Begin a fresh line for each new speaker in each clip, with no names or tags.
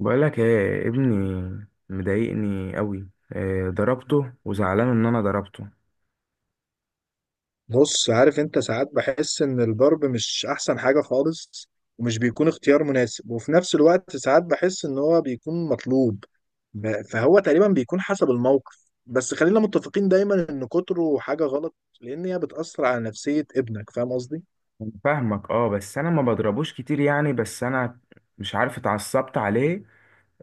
بقولك ايه، ابني مضايقني قوي. إيه، ضربته وزعلان ان انا ضربته.
بص، عارف انت ساعات بحس ان الضرب مش احسن حاجة خالص، ومش بيكون اختيار مناسب، وفي نفس الوقت ساعات بحس ان هو بيكون مطلوب. فهو تقريبا بيكون حسب الموقف، بس خلينا متفقين دايما ان كتره حاجة غلط، لان هي بتأثر على نفسية ابنك. فاهم قصدي؟
أنا فاهمك، اه، بس انا ما بضربوش كتير، يعني بس انا مش عارف اتعصبت عليه.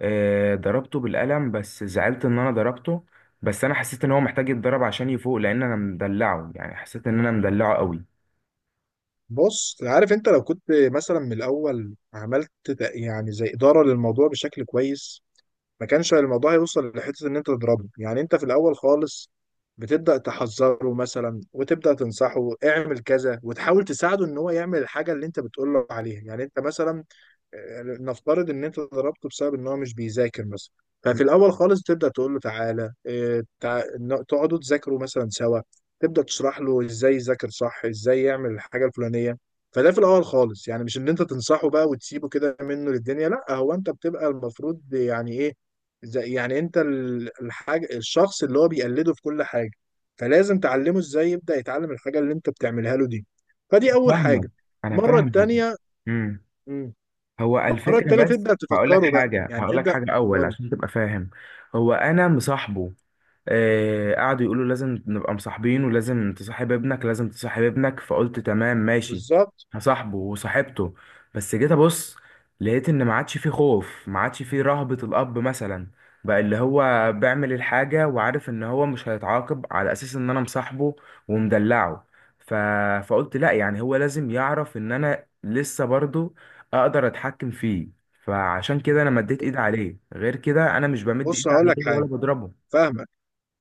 إيه، ضربته بالقلم بس زعلت ان انا ضربته. بس انا حسيت ان هو محتاج يتضرب عشان يفوق، لان انا مدلعه، يعني حسيت ان انا مدلعه قوي.
بص، عارف انت لو كنت مثلا من الاول عملت يعني زي إدارة للموضوع بشكل كويس، ما كانش الموضوع هيوصل لحته ان انت تضربه. يعني انت في الاول خالص بتبدا تحذره مثلا، وتبدا تنصحه اعمل كذا، وتحاول تساعده ان هو يعمل الحاجه اللي انت بتقول له عليها. يعني انت مثلا، نفترض ان انت ضربته بسبب ان هو مش بيذاكر مثلا، ففي الاول خالص تبدا تقول له تعالى، تقعدوا تذاكروا مثلا سوا، تبدا تشرح له ازاي يذاكر صح، ازاي يعمل الحاجه الفلانيه. فده في الاول خالص، يعني مش ان انت تنصحه بقى وتسيبه كده منه للدنيا، لا، هو انت بتبقى المفروض يعني ايه، زي يعني انت الحاجة، الشخص اللي هو بيقلده في كل حاجة، فلازم تعلمه ازاي يبدأ يتعلم الحاجة اللي انت بتعملها له دي. فدي اول
فاهمك
حاجة.
انا
المرة
فاهمك.
التانية،
امم
مم.
هو
المرة
الفكره،
التانية
بس
تبدأ
هقول لك
تفكره بقى،
حاجه
يعني
هقول لك
تبدأ
حاجه اول
تقول،
عشان تبقى فاهم. هو انا مصاحبه، قعدوا يقولوا لازم نبقى مصاحبين، ولازم تصاحب ابنك لازم تصاحب ابنك، فقلت تمام ماشي،
بالظبط.
هصاحبه، وصاحبته. بس جيت ابص لقيت ان ما عادش فيه خوف، ما عادش فيه رهبة الاب مثلا، بقى اللي هو بيعمل الحاجة وعارف ان هو مش هيتعاقب على اساس ان انا مصاحبه ومدلعه. ف... فقلت لا، يعني هو لازم يعرف ان انا لسه برضو اقدر اتحكم فيه، فعشان كده انا مديت ايد عليه، غير كده انا مش بمد
بص،
ايد
هقول
عليه
لك
ولا
حاجة.
بضربه.
فاهمك.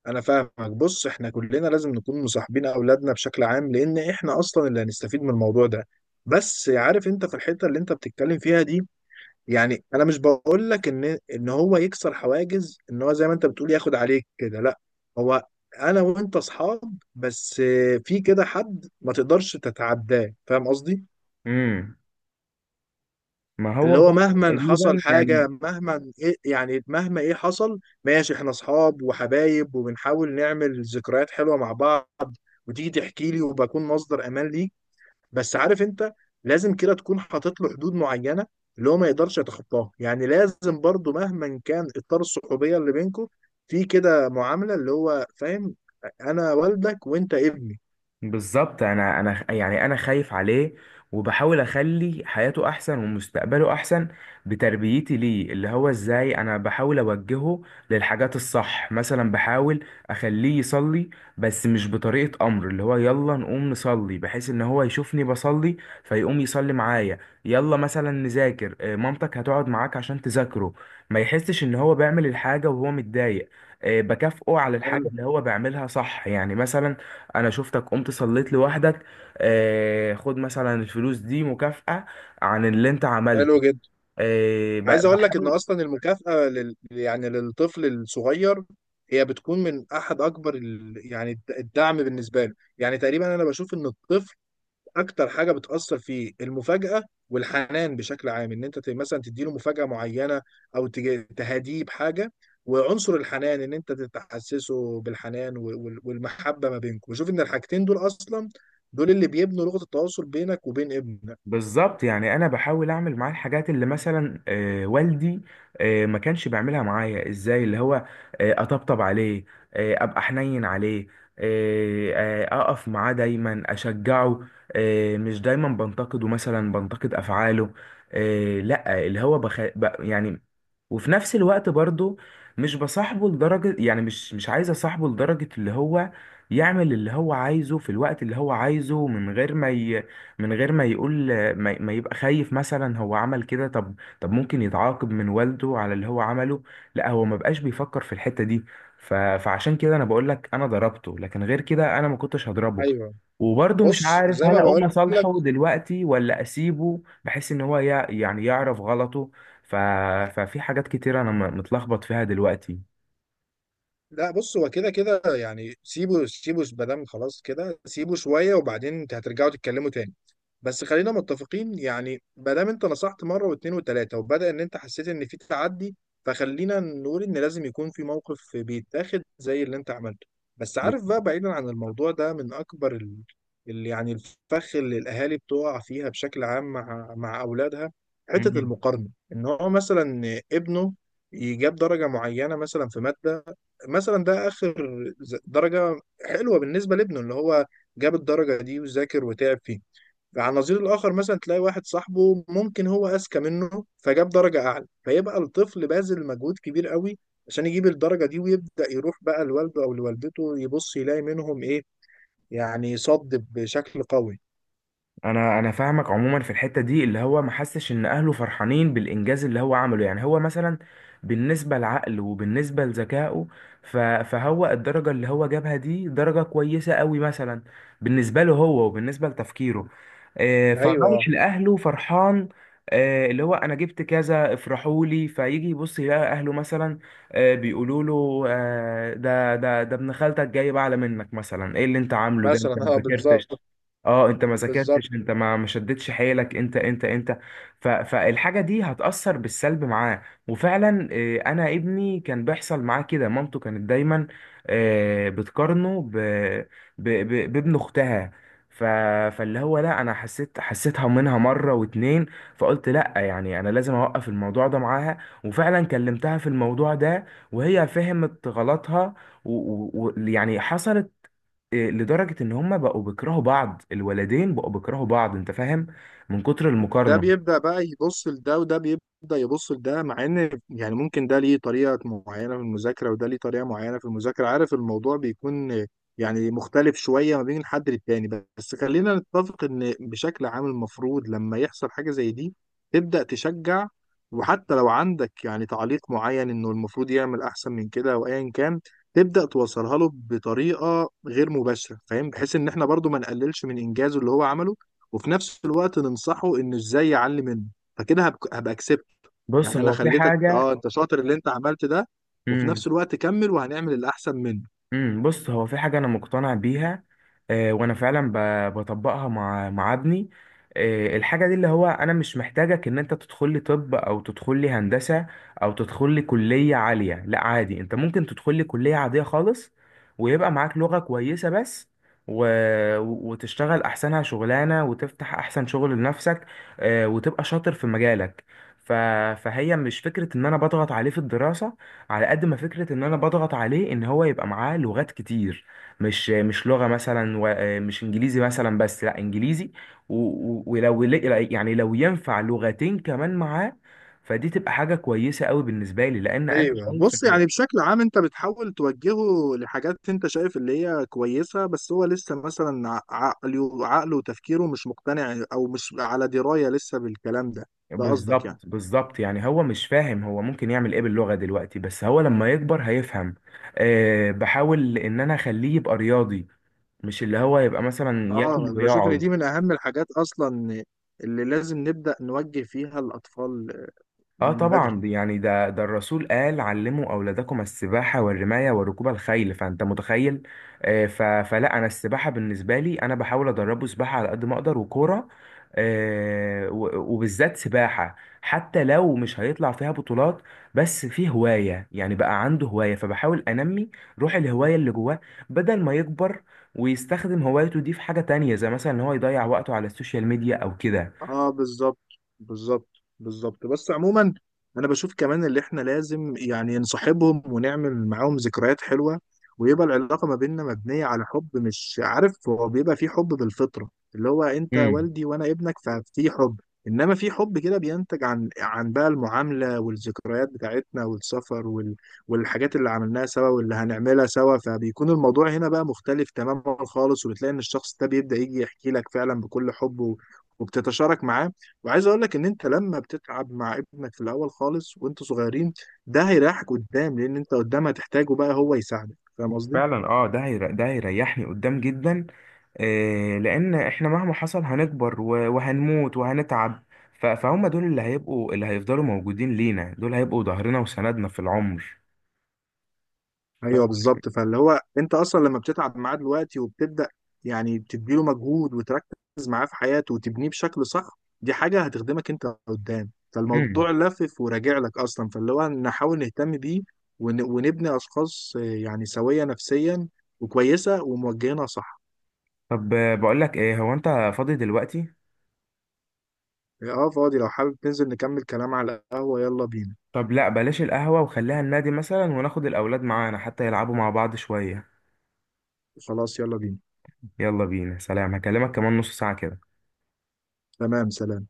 انا فاهمك. بص، احنا كلنا لازم نكون مصاحبين اولادنا بشكل عام، لان احنا اصلا اللي هنستفيد من الموضوع ده. بس عارف انت في الحتة اللي انت بتتكلم فيها دي، يعني انا مش بقول لك ان هو يكسر حواجز، ان هو زي ما انت بتقول ياخد عليك كده. لا، هو انا وانت اصحاب، بس في كده حد ما تقدرش تتعداه. فاهم قصدي؟
امم ما
اللي
هو
هو
ده
مهما حصل
تقريبا يعني.
حاجة، مهما إيه يعني، مهما ايه حصل، ماشي، احنا اصحاب وحبايب وبنحاول نعمل ذكريات حلوة مع بعض، وتيجي تحكي لي وبكون مصدر امان ليك. بس عارف انت، لازم كده تكون حاطط له حدود معينه اللي هو ما يقدرش يتخطاها. يعني لازم برضو مهما كان اطار الصحوبيه اللي بينكم، في كده معامله اللي هو فاهم انا والدك وانت ابني.
بالظبط، انا يعني انا خايف عليه، وبحاول اخلي حياته احسن ومستقبله احسن بتربيتي ليه، اللي هو ازاي انا بحاول اوجهه للحاجات الصح. مثلا بحاول اخليه يصلي، بس مش بطريقة امر، اللي هو يلا نقوم نصلي، بحيث ان هو يشوفني بصلي فيقوم يصلي معايا. يلا مثلا نذاكر، مامتك هتقعد معاك عشان تذاكره، ما يحسش ان هو بيعمل الحاجة وهو متضايق. بكافئه على الحاجة
حلو.
اللي هو بيعملها صح، يعني مثلا انا شفتك قمت صليت لوحدك، خد مثلا الفلوس دي مكافأة عن اللي انت عملته.
حلو جدا.
ب-
عايز اقول لك ان
بحاول
اصلا المكافاه يعني للطفل الصغير هي بتكون من احد اكبر يعني الدعم بالنسبه له. يعني تقريبا انا بشوف ان الطفل اكتر حاجه بتاثر فيه المفاجاه والحنان بشكل عام، ان انت مثلا تديله مفاجاه معينه، او تهديه بحاجه، وعنصر الحنان ان انت تحسسه بالحنان والمحبه ما بينكم. وشوف ان الحاجتين دول اصلا، دول اللي بيبنوا لغه التواصل بينك وبين ابنك.
بالظبط، يعني انا بحاول اعمل معاه الحاجات اللي مثلا والدي ما كانش بيعملها معايا. ازاي؟ اللي هو اطبطب عليه، ابقى حنين عليه، اقف معاه دايما، اشجعه، مش دايما بنتقده، مثلا بنتقد افعاله، لا، اللي هو يعني. وفي نفس الوقت برضو مش بصاحبه لدرجة، يعني مش عايز اصاحبه لدرجة اللي هو يعمل اللي هو عايزه في الوقت اللي هو عايزه، من غير ما ي... من غير ما يقول، ما يبقى خايف، مثلا هو عمل كده، طب طب ممكن يتعاقب من والده على اللي هو عمله، لا، هو ما بقاش بيفكر في الحتة دي. فعشان كده انا بقول لك انا ضربته، لكن غير كده انا ما كنتش هضربه.
ايوه.
وبرضه مش
بص
عارف
زي
هل
ما
اقوم
بقول،
اصالحه دلوقتي، ولا اسيبه بحيث ان هو يعني يعرف غلطه. ف... ففي حاجات كتير انا متلخبط فيها دلوقتي.
لا بص، هو كده كده يعني، سيبه، سيبه مادام خلاص كده، سيبه شويه وبعدين انت هترجعوا تتكلموا تاني. بس خلينا متفقين، يعني ما دام انت نصحت مره واثنين وثلاثه وبدا ان انت حسيت ان في تعدي، فخلينا نقول ان لازم يكون في موقف بيتاخد زي اللي انت عملته. بس عارف
بت-
بقى، بعيدا عن الموضوع ده، من اكبر يعني الفخ اللي الاهالي بتقع فيها بشكل عام مع اولادها، حته
مم.
المقارنه، ان هو مثلا ابنه يجاب درجه معينه مثلا في ماده، مثلا ده اخر درجه حلوه بالنسبه لابنه، اللي هو جاب الدرجه دي وذاكر وتعب فيه. على النظير الاخر مثلا تلاقي واحد صاحبه ممكن هو اذكى منه فجاب درجه اعلى، فيبقى الطفل باذل مجهود كبير قوي عشان يجيب الدرجه دي، ويبدا يروح بقى لوالده او لوالدته يبص يلاقي منهم ايه، يعني صد بشكل قوي.
انا فاهمك. عموما في الحته دي اللي هو ما حسش ان اهله فرحانين بالانجاز اللي هو عمله، يعني هو مثلا بالنسبه لعقله وبالنسبه لذكائه، فهو الدرجه اللي هو جابها دي درجه كويسه قوي مثلا، بالنسبه له هو وبالنسبه لتفكيره.
ايوه
فرايح لاهله فرحان، اللي هو انا جبت كذا، افرحوا لي، فيجي يبص يلاقي اهله مثلا بيقولوا له ده ابن خالتك جاي بعلى منك، مثلا ايه اللي انت عامله ده؟
مثلا،
انت ما
اه
ذاكرتش،
بالظبط.
اه انت ما
بالظبط،
ذاكرتش، انت ما شدتش حيلك، انت انت انت. فالحاجه دي هتاثر بالسلب معاه. وفعلا، انا ابني كان بيحصل معاه كده، مامته كانت دايما بتقارنه بابن اختها. ف... فاللي هو لا، انا حسيت، حسيتها منها مره واتنين، فقلت لا، يعني انا لازم اوقف الموضوع ده معاها، وفعلا كلمتها في الموضوع ده، وهي فهمت غلطها، ويعني يعني حصلت إيه، لدرجة ان هما بقوا بيكرهوا بعض، الولدين بقوا بيكرهوا بعض، انت فاهم، من كتر
ده
المقارنة.
بيبدأ بقى يبص لده وده بيبدأ يبص لده، مع ان يعني ممكن ده ليه طريقة معينة في المذاكرة وده ليه طريقة معينة في المذاكرة. عارف الموضوع بيكون يعني مختلف شوية ما بين الحد للتاني. بس خلينا نتفق ان بشكل عام المفروض لما يحصل حاجة زي دي تبدأ تشجع، وحتى لو عندك يعني تعليق معين انه المفروض يعمل احسن من كده او ايا كان، تبدأ توصلها له بطريقة غير مباشرة. فاهم؟ بحيث ان احنا برضو ما نقللش من انجازه اللي هو عمله، وفي نفس الوقت ننصحه انه ازاي يعلي منه. فكده هبقى اكسبت،
بص
يعني انا
هو في
خليتك
حاجة.
اه انت شاطر اللي انت عملت ده، وفي
مم،
نفس الوقت كمل وهنعمل الاحسن منه.
بص هو في حاجة أنا مقتنع بيها، وأنا فعلا بطبقها مع ابني. الحاجة دي، اللي هو أنا مش محتاجك إن أنت تدخل لي طب، أو تدخل لي هندسة، أو تدخل لي كلية عالية، لا، عادي، أنت ممكن تدخل لي كلية عادية خالص، ويبقى معاك لغة كويسة بس، و... وتشتغل أحسنها شغلانة، وتفتح أحسن شغل لنفسك، وتبقى شاطر في مجالك. ف... فهي مش فكرة إن أنا بضغط عليه في الدراسة، على قد ما فكرة ان انا بضغط عليه ان هو يبقى معاه لغات كتير، مش لغة مثلا، مش انجليزي مثلا بس، لا، انجليزي و- يعني لو ينفع لغتين كمان معاه، فدي تبقى حاجة كويسة قوي بالنسبة لي، لان انا
ايوه.
شايف
بص
ان...
يعني بشكل عام انت بتحاول توجهه لحاجات انت شايف اللي هي كويسه، بس هو لسه مثلا عقله وتفكيره مش مقتنع او مش على درايه لسه بالكلام ده. ده قصدك يعني؟
بالظبط، بالظبط، يعني هو مش فاهم هو ممكن يعمل ايه باللغة دلوقتي، بس هو لما يكبر هيفهم. أه، بحاول ان انا اخليه يبقى رياضي، مش اللي هو يبقى مثلا
اه،
ياكل
انا بشوف ان دي
ويقعد.
من اهم الحاجات اصلا اللي لازم نبدا نوجه فيها الاطفال
اه
من
طبعا،
بدري.
يعني ده الرسول قال علموا اولادكم السباحه والرمايه وركوب الخيل، فانت متخيل. آه، ف- فلا، انا السباحه بالنسبه لي، انا بحاول ادربه سباحه على قد ما اقدر، وكوره، وبالذات سباحه، حتى لو مش هيطلع فيها بطولات، بس في هوايه، يعني بقى عنده هوايه، فبحاول انمي روح الهوايه اللي جواه، بدل ما يكبر ويستخدم هوايته دي في حاجه تانية، زي مثلا ان هو يضيع وقته على السوشيال ميديا او كده.
اه بالظبط. بالظبط. بالظبط. بس عموما انا بشوف كمان، اللي احنا لازم يعني نصاحبهم ونعمل معاهم ذكريات حلوة، ويبقى العلاقة ما بيننا مبنية على حب. مش عارف، هو بيبقى في حب بالفطرة، اللي هو انت والدي وانا ابنك، ففي حب. انما في حب كده بينتج عن بقى المعاملة والذكريات بتاعتنا والسفر والحاجات اللي عملناها سوا واللي هنعملها سوا، فبيكون الموضوع هنا بقى مختلف تماما خالص. وبتلاقي ان الشخص ده بيبدأ يجي يحكي لك فعلا بكل حب، وبتتشارك معاه. وعايز اقول لك ان انت لما بتتعب مع ابنك في الاول خالص وانتوا صغيرين، ده هيريحك قدام، لان انت قدام هتحتاجه بقى هو يساعدك. فاهم قصدي؟
فعلا، اه، ده هيريحني قدام جدا، لان احنا مهما حصل هنكبر وهنموت وهنتعب، فهم دول اللي هيفضلوا موجودين لينا، دول هيبقوا ظهرنا وسندنا في العمر.
ايوه بالظبط. فاللي هو انت اصلا لما بتتعب معاه دلوقتي وبتبدا يعني بتديله مجهود وتركز معاه في حياته وتبنيه بشكل صح، دي حاجه هتخدمك انت قدام.
مم.
فالموضوع لافف وراجع لك اصلا. فاللي هو نحاول نهتم بيه ونبني اشخاص، يعني سويه نفسيا وكويسه وموجهينها صح.
طب، بقول لك ايه، هو انت فاضي دلوقتي؟
اه فاضي، لو حابب ننزل نكمل كلام على القهوة يلا بينا.
طب لا، بلاش القهوة، وخليها النادي مثلا، وناخد الاولاد معانا حتى يلعبوا مع بعض شوية.
خلاص يلا بينا.
يلا بينا، سلام، هكلمك كمان نص ساعة كده.
تمام، سلام.